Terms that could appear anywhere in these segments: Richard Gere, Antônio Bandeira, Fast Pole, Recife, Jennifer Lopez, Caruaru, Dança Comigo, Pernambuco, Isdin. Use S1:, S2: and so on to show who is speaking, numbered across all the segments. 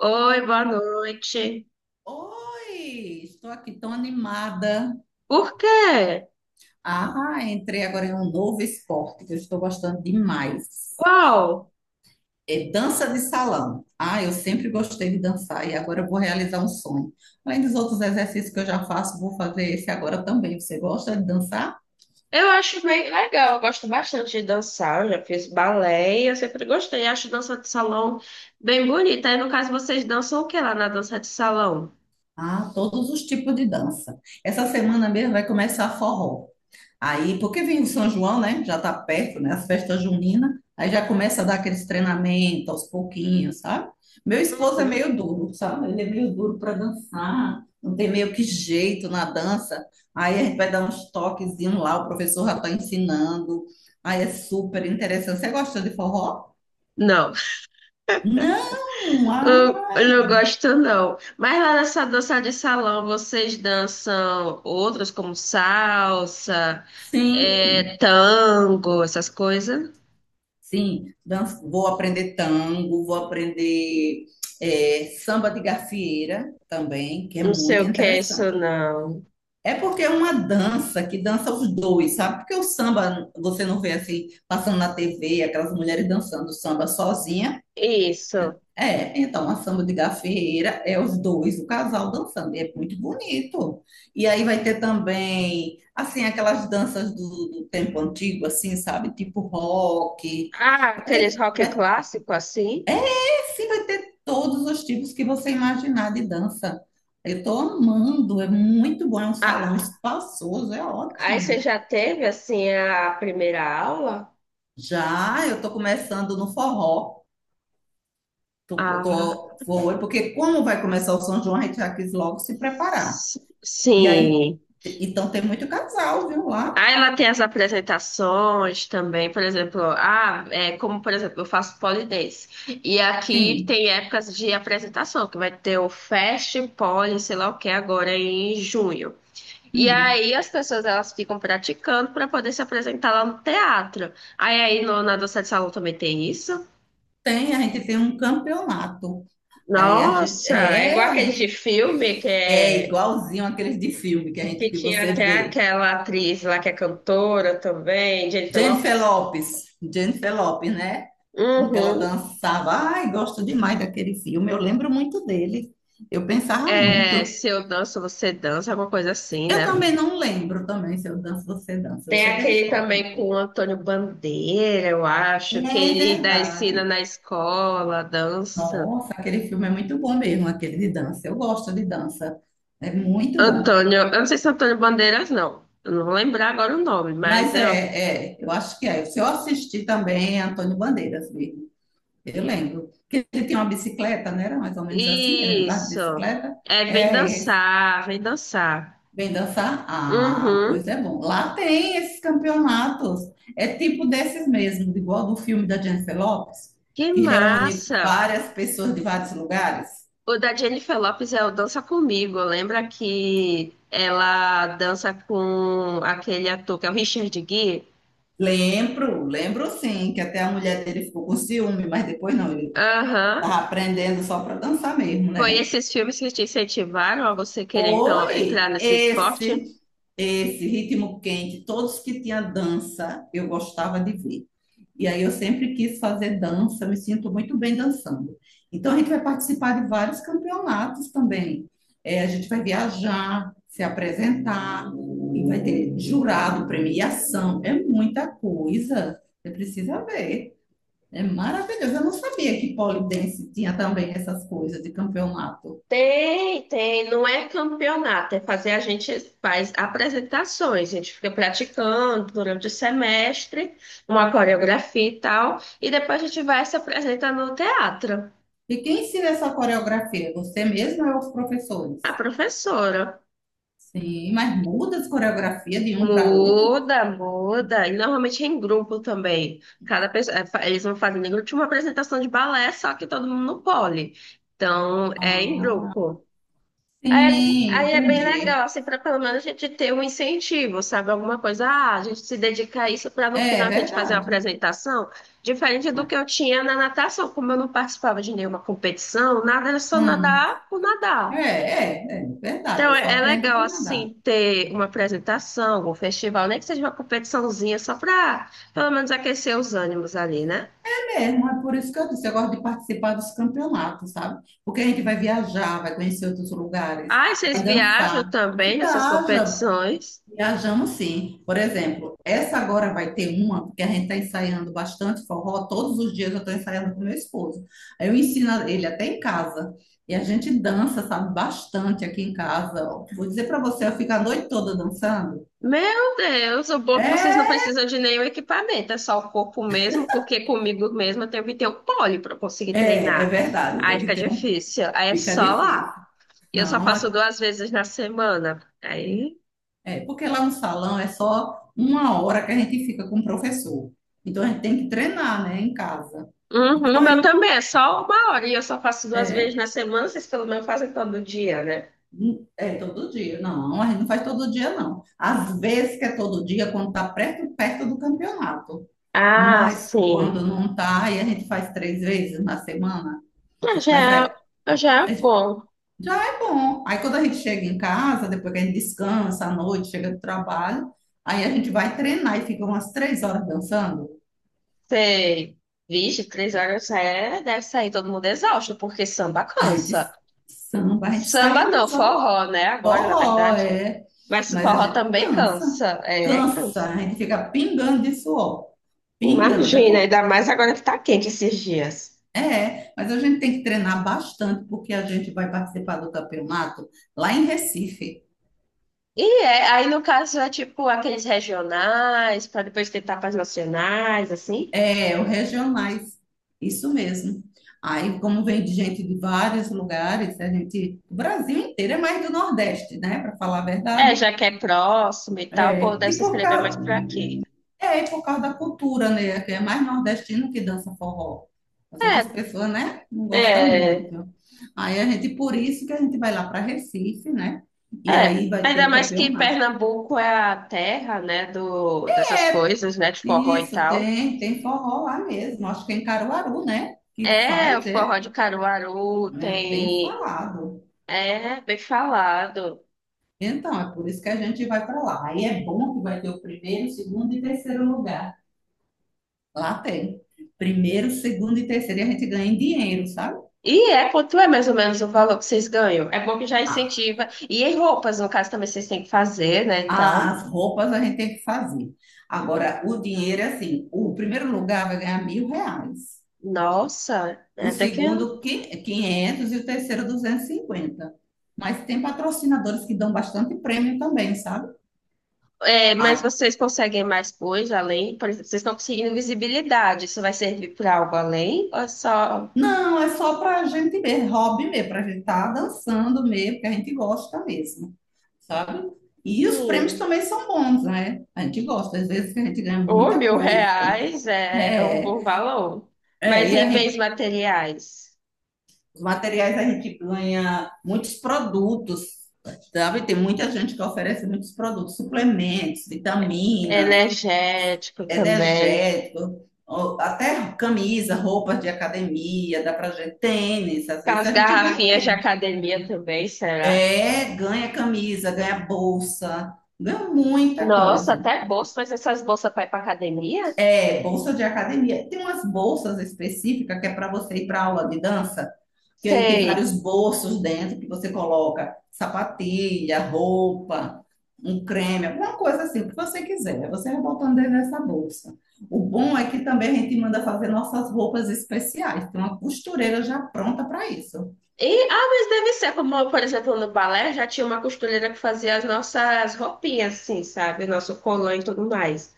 S1: Oi, boa noite.
S2: Oi, estou aqui tão animada.
S1: Por quê?
S2: Ah, entrei agora em um novo esporte que eu estou gostando demais.
S1: Qual?
S2: É dança de salão. Ah, eu sempre gostei de dançar e agora eu vou realizar um sonho. Além dos outros exercícios que eu já faço, vou fazer esse agora também. Você gosta de dançar?
S1: Eu acho bem legal, eu gosto bastante de dançar, eu já fiz balé e eu sempre gostei, acho dança de salão bem bonita. Aí, no caso, vocês dançam o que lá na dança de salão?
S2: Ah, todos os tipos de dança. Essa semana mesmo vai começar forró. Aí, porque vem o São João, né? Já tá perto, né? As festas juninas. Aí já começa a dar aqueles treinamentos aos pouquinhos, sabe? Meu esposo é
S1: Uhum.
S2: meio duro, sabe? Ele é meio duro para dançar, não tem meio que jeito na dança. Aí a gente vai dar uns toquezinhos lá, o professor já tá ensinando. Aí é super interessante. Você gosta de forró?
S1: Não,
S2: Não! Ah,
S1: eu não gosto não. Mas lá nessa dança de salão, vocês dançam outras como salsa, é,
S2: sim!
S1: tango, essas coisas?
S2: Sim, vou aprender tango, vou aprender é, samba de gafieira também, que é
S1: Não sei
S2: muito
S1: o que é isso,
S2: interessante.
S1: não.
S2: É porque é uma dança que dança os dois, sabe? Porque o samba você não vê assim, passando na TV, aquelas mulheres dançando samba sozinha.
S1: Isso.
S2: É, então a samba de gafieira é os dois, o casal dançando, e é muito bonito. E aí vai ter também, assim, aquelas danças do tempo antigo, assim, sabe? Tipo rock.
S1: Ah,
S2: Vai
S1: aqueles
S2: ter
S1: rock clássico assim?
S2: Sim, vai ter todos os tipos que você imaginar de dança. Eu tô amando, é muito bom, é um salão
S1: Ah,
S2: espaçoso, é
S1: aí você
S2: ótimo.
S1: já teve assim a primeira aula?
S2: Já eu tô começando no forró, tô,
S1: Ah,
S2: tô, vou, porque como vai começar o São João, a gente já quis logo se preparar. E aí,
S1: sim.
S2: então tem muito casal, viu, lá?
S1: Ah, ela tem as apresentações também, por exemplo, ah, é, como por exemplo, eu faço pole dance. E aqui
S2: Sim.
S1: tem épocas de apresentação, que vai ter o Fast Pole, sei lá o que, agora em junho. E
S2: Hum.
S1: aí as pessoas elas ficam praticando para poder se apresentar lá no teatro. Aí na dança de salão também tem isso?
S2: Tem, a gente tem um campeonato. É, a gente,
S1: Nossa, é igual aquele de filme que
S2: é
S1: é
S2: igualzinho aqueles de filme que a gente
S1: que
S2: que
S1: tinha
S2: você
S1: até
S2: vê.
S1: aquela atriz lá que é cantora também, Jennifer
S2: Jennifer
S1: Lopez.
S2: Lopes, Jennifer Lopes, né? Em que ela
S1: Uhum.
S2: dançava. Ai, gosto demais daquele filme. Eu lembro muito dele. Eu pensava
S1: É,
S2: muito.
S1: se eu danço, você dança, alguma coisa assim,
S2: Eu
S1: né?
S2: também não lembro também se eu danço, você dança. Eu
S1: Tem
S2: sei da
S1: aquele
S2: história.
S1: também com o Antônio Bandeira, eu acho, que
S2: É
S1: ele dá
S2: verdade.
S1: ensina na escola, dança.
S2: Nossa, aquele filme é muito bom mesmo, aquele de dança. Eu gosto de dança. É muito bom.
S1: Antônio, eu não sei se é Antônio Bandeiras, não. Eu não vou lembrar agora o nome, mas
S2: Mas
S1: é um,
S2: eu acho que é. Se eu assisti também Antônio Bandeiras mesmo. Eu lembro. Que ele tinha uma bicicleta, né? Era mais ou menos assim, ele andava de
S1: isso.
S2: bicicleta.
S1: É, vem
S2: É,
S1: dançar, vem dançar.
S2: vem dançar? Ah,
S1: Uhum.
S2: pois é bom. Lá tem esses campeonatos. É tipo desses mesmo, igual do filme da Jennifer Lopez,
S1: Que
S2: que reúne
S1: massa!
S2: várias pessoas de vários lugares.
S1: O da Jennifer Lopez é o Dança Comigo. Lembra que ela dança com aquele ator que é o Richard Gere?
S2: Lembro sim, que até a mulher dele ficou com ciúme, mas depois não, ele
S1: Aham.
S2: estava aprendendo só para dançar mesmo,
S1: Foi
S2: né?
S1: esses filmes que te incentivaram a você querer então entrar
S2: Foi
S1: nesse esporte?
S2: esse ritmo quente, todos que tinha dança, eu gostava de ver. E aí eu sempre quis fazer dança, me sinto muito bem dançando. Então a gente vai participar de vários campeonatos também. É, a gente vai viajar, se apresentar, e vai ter jurado, premiação, é muita coisa. Você precisa ver. É maravilhoso. Eu não sabia que pole dance tinha também essas coisas de campeonato.
S1: Tem, tem. Não é campeonato, é fazer. A gente faz apresentações, a gente fica praticando durante o semestre, uma coreografia e tal, e depois a gente vai se apresentar no teatro.
S2: E quem ensina essa coreografia? Você mesmo ou os
S1: A
S2: professores?
S1: professora.
S2: Sim, mas muda as coreografias de um para outro?
S1: Muda, muda. E normalmente é em grupo também. Cada pessoa, é, eles vão fazendo em grupo. Tinha uma apresentação de balé, só que todo mundo no pole. Então, é em
S2: Ah,
S1: grupo. É,
S2: sim,
S1: aí é bem
S2: entendi.
S1: legal, assim, para pelo menos a gente ter um incentivo, sabe? Alguma coisa, ah, a gente se dedica a isso para no
S2: É
S1: final a gente fazer uma
S2: verdade.
S1: apresentação, diferente do que eu tinha na natação, como eu não participava de nenhuma competição, nada, era só
S2: Hum,
S1: nadar por
S2: é,
S1: nadar.
S2: é verdade.
S1: Então,
S2: Eu só
S1: é, é
S2: aprendo
S1: legal,
S2: para nadar.
S1: assim, ter uma apresentação, algum festival, nem que seja uma competiçãozinha, só para, pelo menos, aquecer os ânimos ali, né?
S2: É mesmo, é por isso que eu disse, eu gosto de participar dos campeonatos, sabe? Porque a gente vai viajar, vai conhecer outros lugares,
S1: Ah, vocês
S2: vai
S1: viajam
S2: dançar.
S1: também nessas
S2: Viaja,
S1: competições?
S2: Viajamos sim. Por exemplo, essa agora vai ter uma, porque a gente está ensaiando bastante forró, todos os dias eu estou ensaiando com meu esposo. Aí eu ensino ele até em casa. E a gente dança, sabe, bastante aqui em casa. Ó, vou dizer para você, eu fico a noite toda dançando.
S1: Meu Deus, o bom é que vocês não
S2: É,
S1: precisam de nenhum equipamento, é só o corpo mesmo, porque comigo mesmo eu tenho que ter um pole para conseguir
S2: é
S1: treinar.
S2: verdade,
S1: Aí
S2: tem que
S1: fica
S2: ter um.
S1: difícil, aí é
S2: Fica
S1: só
S2: difícil.
S1: lá. E eu só
S2: Não,
S1: faço 2 vezes na semana. Aí.
S2: é, porque lá no salão é só uma hora que a gente fica com o professor. Então a gente tem que treinar, né, em casa.
S1: Uhum, o
S2: Então,
S1: meu também é só 1 hora e eu só faço duas vezes
S2: é,
S1: na semana, vocês pelo menos fazem todo dia, né?
S2: É todo dia. Não, a gente não faz todo dia, não. Às vezes que é todo dia, quando tá perto, perto do campeonato.
S1: Ah,
S2: Mas
S1: sim.
S2: quando não tá, aí a gente faz três vezes na semana.
S1: Ah, já,
S2: Mas aí,
S1: ah, já é
S2: aí
S1: bom.
S2: já é bom. Aí quando a gente chega em casa, depois que a gente descansa à noite, chega do trabalho, aí a gente vai treinar e fica umas 3 horas dançando.
S1: Sei. Vixe, 3 horas é, deve sair todo mundo exausto, porque samba
S2: A
S1: cansa.
S2: gente samba, a gente
S1: Samba
S2: sai.
S1: não, forró, né? Agora, na
S2: Forró,
S1: verdade.
S2: é.
S1: Mas
S2: Mas a
S1: forró
S2: gente
S1: também
S2: cansa.
S1: cansa. É,
S2: Cansa.
S1: cansa.
S2: A gente fica pingando de suor. Pingando.
S1: Imagina, ainda mais agora que tá quente esses dias.
S2: É, mas a gente tem que treinar bastante, porque a gente vai participar do campeonato lá em Recife.
S1: E é, aí no caso é tipo aqueles regionais, para depois tentar para as nacionais, assim.
S2: É, o regionais. Isso mesmo. Aí, como vem de gente de vários lugares, a gente, o Brasil inteiro é mais do Nordeste, né? Para falar a
S1: É,
S2: verdade.
S1: já que é próximo e tal, pô,
S2: É.
S1: deve se inscrever mais pra aqui.
S2: É, e por causa da cultura, né? Que é mais nordestino que dança forró. As outras
S1: É,
S2: pessoas, né? Não gostam
S1: é,
S2: muito. Aí a gente, por isso que a gente vai lá para Recife, né? E
S1: é.
S2: aí vai ter
S1: Ainda
S2: o
S1: mais que
S2: campeonato.
S1: Pernambuco é a terra, né, do, dessas coisas, né, de forró e
S2: Isso,
S1: tal.
S2: tem, tem forró lá mesmo. Acho que é em Caruaru, né? Que
S1: É, o
S2: faz, é,
S1: forró de Caruaru
S2: é bem
S1: tem...
S2: falado.
S1: É, bem falado.
S2: Então, é por isso que a gente vai para lá. Aí é bom que vai ter o primeiro, segundo e terceiro lugar. Lá tem. Primeiro, segundo e terceiro. E a gente ganha em dinheiro, sabe?
S1: E é quanto é mais ou menos o valor que vocês ganham? É bom que já incentiva. E em roupas, no caso, também vocês têm que fazer, né, e tal.
S2: As roupas a gente tem que fazer. Agora, o dinheiro é assim: o primeiro lugar vai ganhar R$ 1.000,
S1: Nossa, é
S2: o
S1: até que... é.
S2: segundo, 500, e o terceiro, 250. Mas tem patrocinadores que dão bastante prêmio também, sabe?
S1: É,
S2: Ai,
S1: mas vocês conseguem mais coisa além? Por exemplo, vocês estão conseguindo visibilidade. Isso vai servir para algo além? Ou é só,
S2: não, é só para a gente mesmo, hobby mesmo, para a gente estar dançando mesmo, porque a gente gosta mesmo, sabe? E os prêmios
S1: sim,
S2: também são bons, né? A gente gosta, às vezes a gente ganha
S1: ou
S2: muita
S1: mil
S2: coisa.
S1: reais é, é um bom
S2: É,
S1: valor.
S2: é,
S1: Mas
S2: e
S1: em
S2: a
S1: bens
S2: gente,
S1: materiais,
S2: os materiais a gente ganha muitos produtos, sabe? Tem muita gente que oferece muitos produtos, suplementos, vitaminas,
S1: energético também,
S2: energético, até camisa, roupas de academia, dá pra gente tênis, às vezes
S1: aquelas
S2: a gente ganha
S1: garrafinhas de
S2: tênis.
S1: academia também, será?
S2: É, ganha camisa, ganha bolsa, ganha muita
S1: Nossa,
S2: coisa.
S1: até bolsa, mas essas bolsas para ir para academia?
S2: É, bolsa de academia. Tem umas bolsas específicas que é para você ir para aula de dança, que aí tem vários
S1: Sei.
S2: bolsos dentro que você coloca sapatilha, roupa, um creme, alguma coisa assim, o que você quiser. Você vai botando dentro dessa bolsa. O bom é que também a gente manda fazer nossas roupas especiais. Tem uma costureira já pronta para isso.
S1: E, ah, mas deve ser, como, por exemplo, no balé já tinha uma costureira que fazia as nossas roupinhas, assim, sabe? Nosso colã e tudo mais.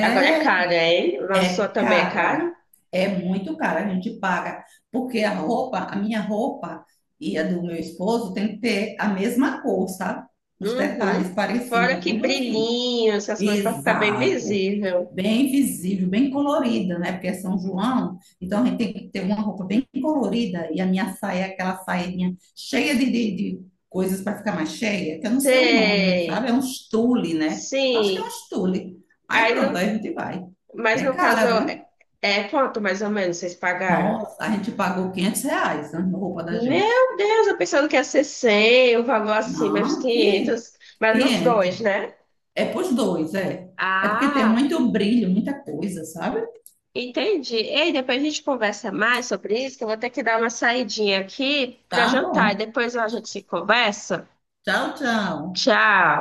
S1: Agora é caro, hein? Lá no sul
S2: é
S1: também é
S2: cara.
S1: caro.
S2: É muito cara. A gente paga porque a roupa, a minha roupa e a do meu esposo tem que ter a mesma cor, sabe? Os detalhes
S1: Uhum. Fora
S2: parecidos,
S1: que
S2: tudo assim.
S1: brilhinho, essas coisas para ficar bem
S2: Exato.
S1: visível.
S2: Bem visível, bem colorida, né? Porque é São João, então a gente tem que ter uma roupa bem colorida. E a minha saia é aquela sainha cheia de coisas para ficar mais cheia, que eu não sei o nome, sabe?
S1: Sei.
S2: É um tule, né? Acho que é um
S1: Sim.
S2: tule. Aí
S1: Aí,
S2: pronto, aí a gente vai.
S1: mas
S2: É
S1: no caso,
S2: cara, viu?
S1: é, é quanto mais ou menos vocês pagaram?
S2: Nossa, a gente pagou R$ 500, né, na roupa da gente.
S1: Meu Deus, eu pensando que ia ser 100 o valor assim, mas
S2: Não, que
S1: 500. Mas nos
S2: 500.
S1: dois, né?
S2: É pros dois, é. É porque tem
S1: Ah.
S2: muito brilho, muita coisa, sabe?
S1: Entendi. Ei, depois a gente conversa mais sobre isso, que eu vou ter que dar uma saidinha aqui para
S2: Tá
S1: jantar e
S2: bom.
S1: depois a gente se conversa.
S2: Tchau, tchau.
S1: Tchau.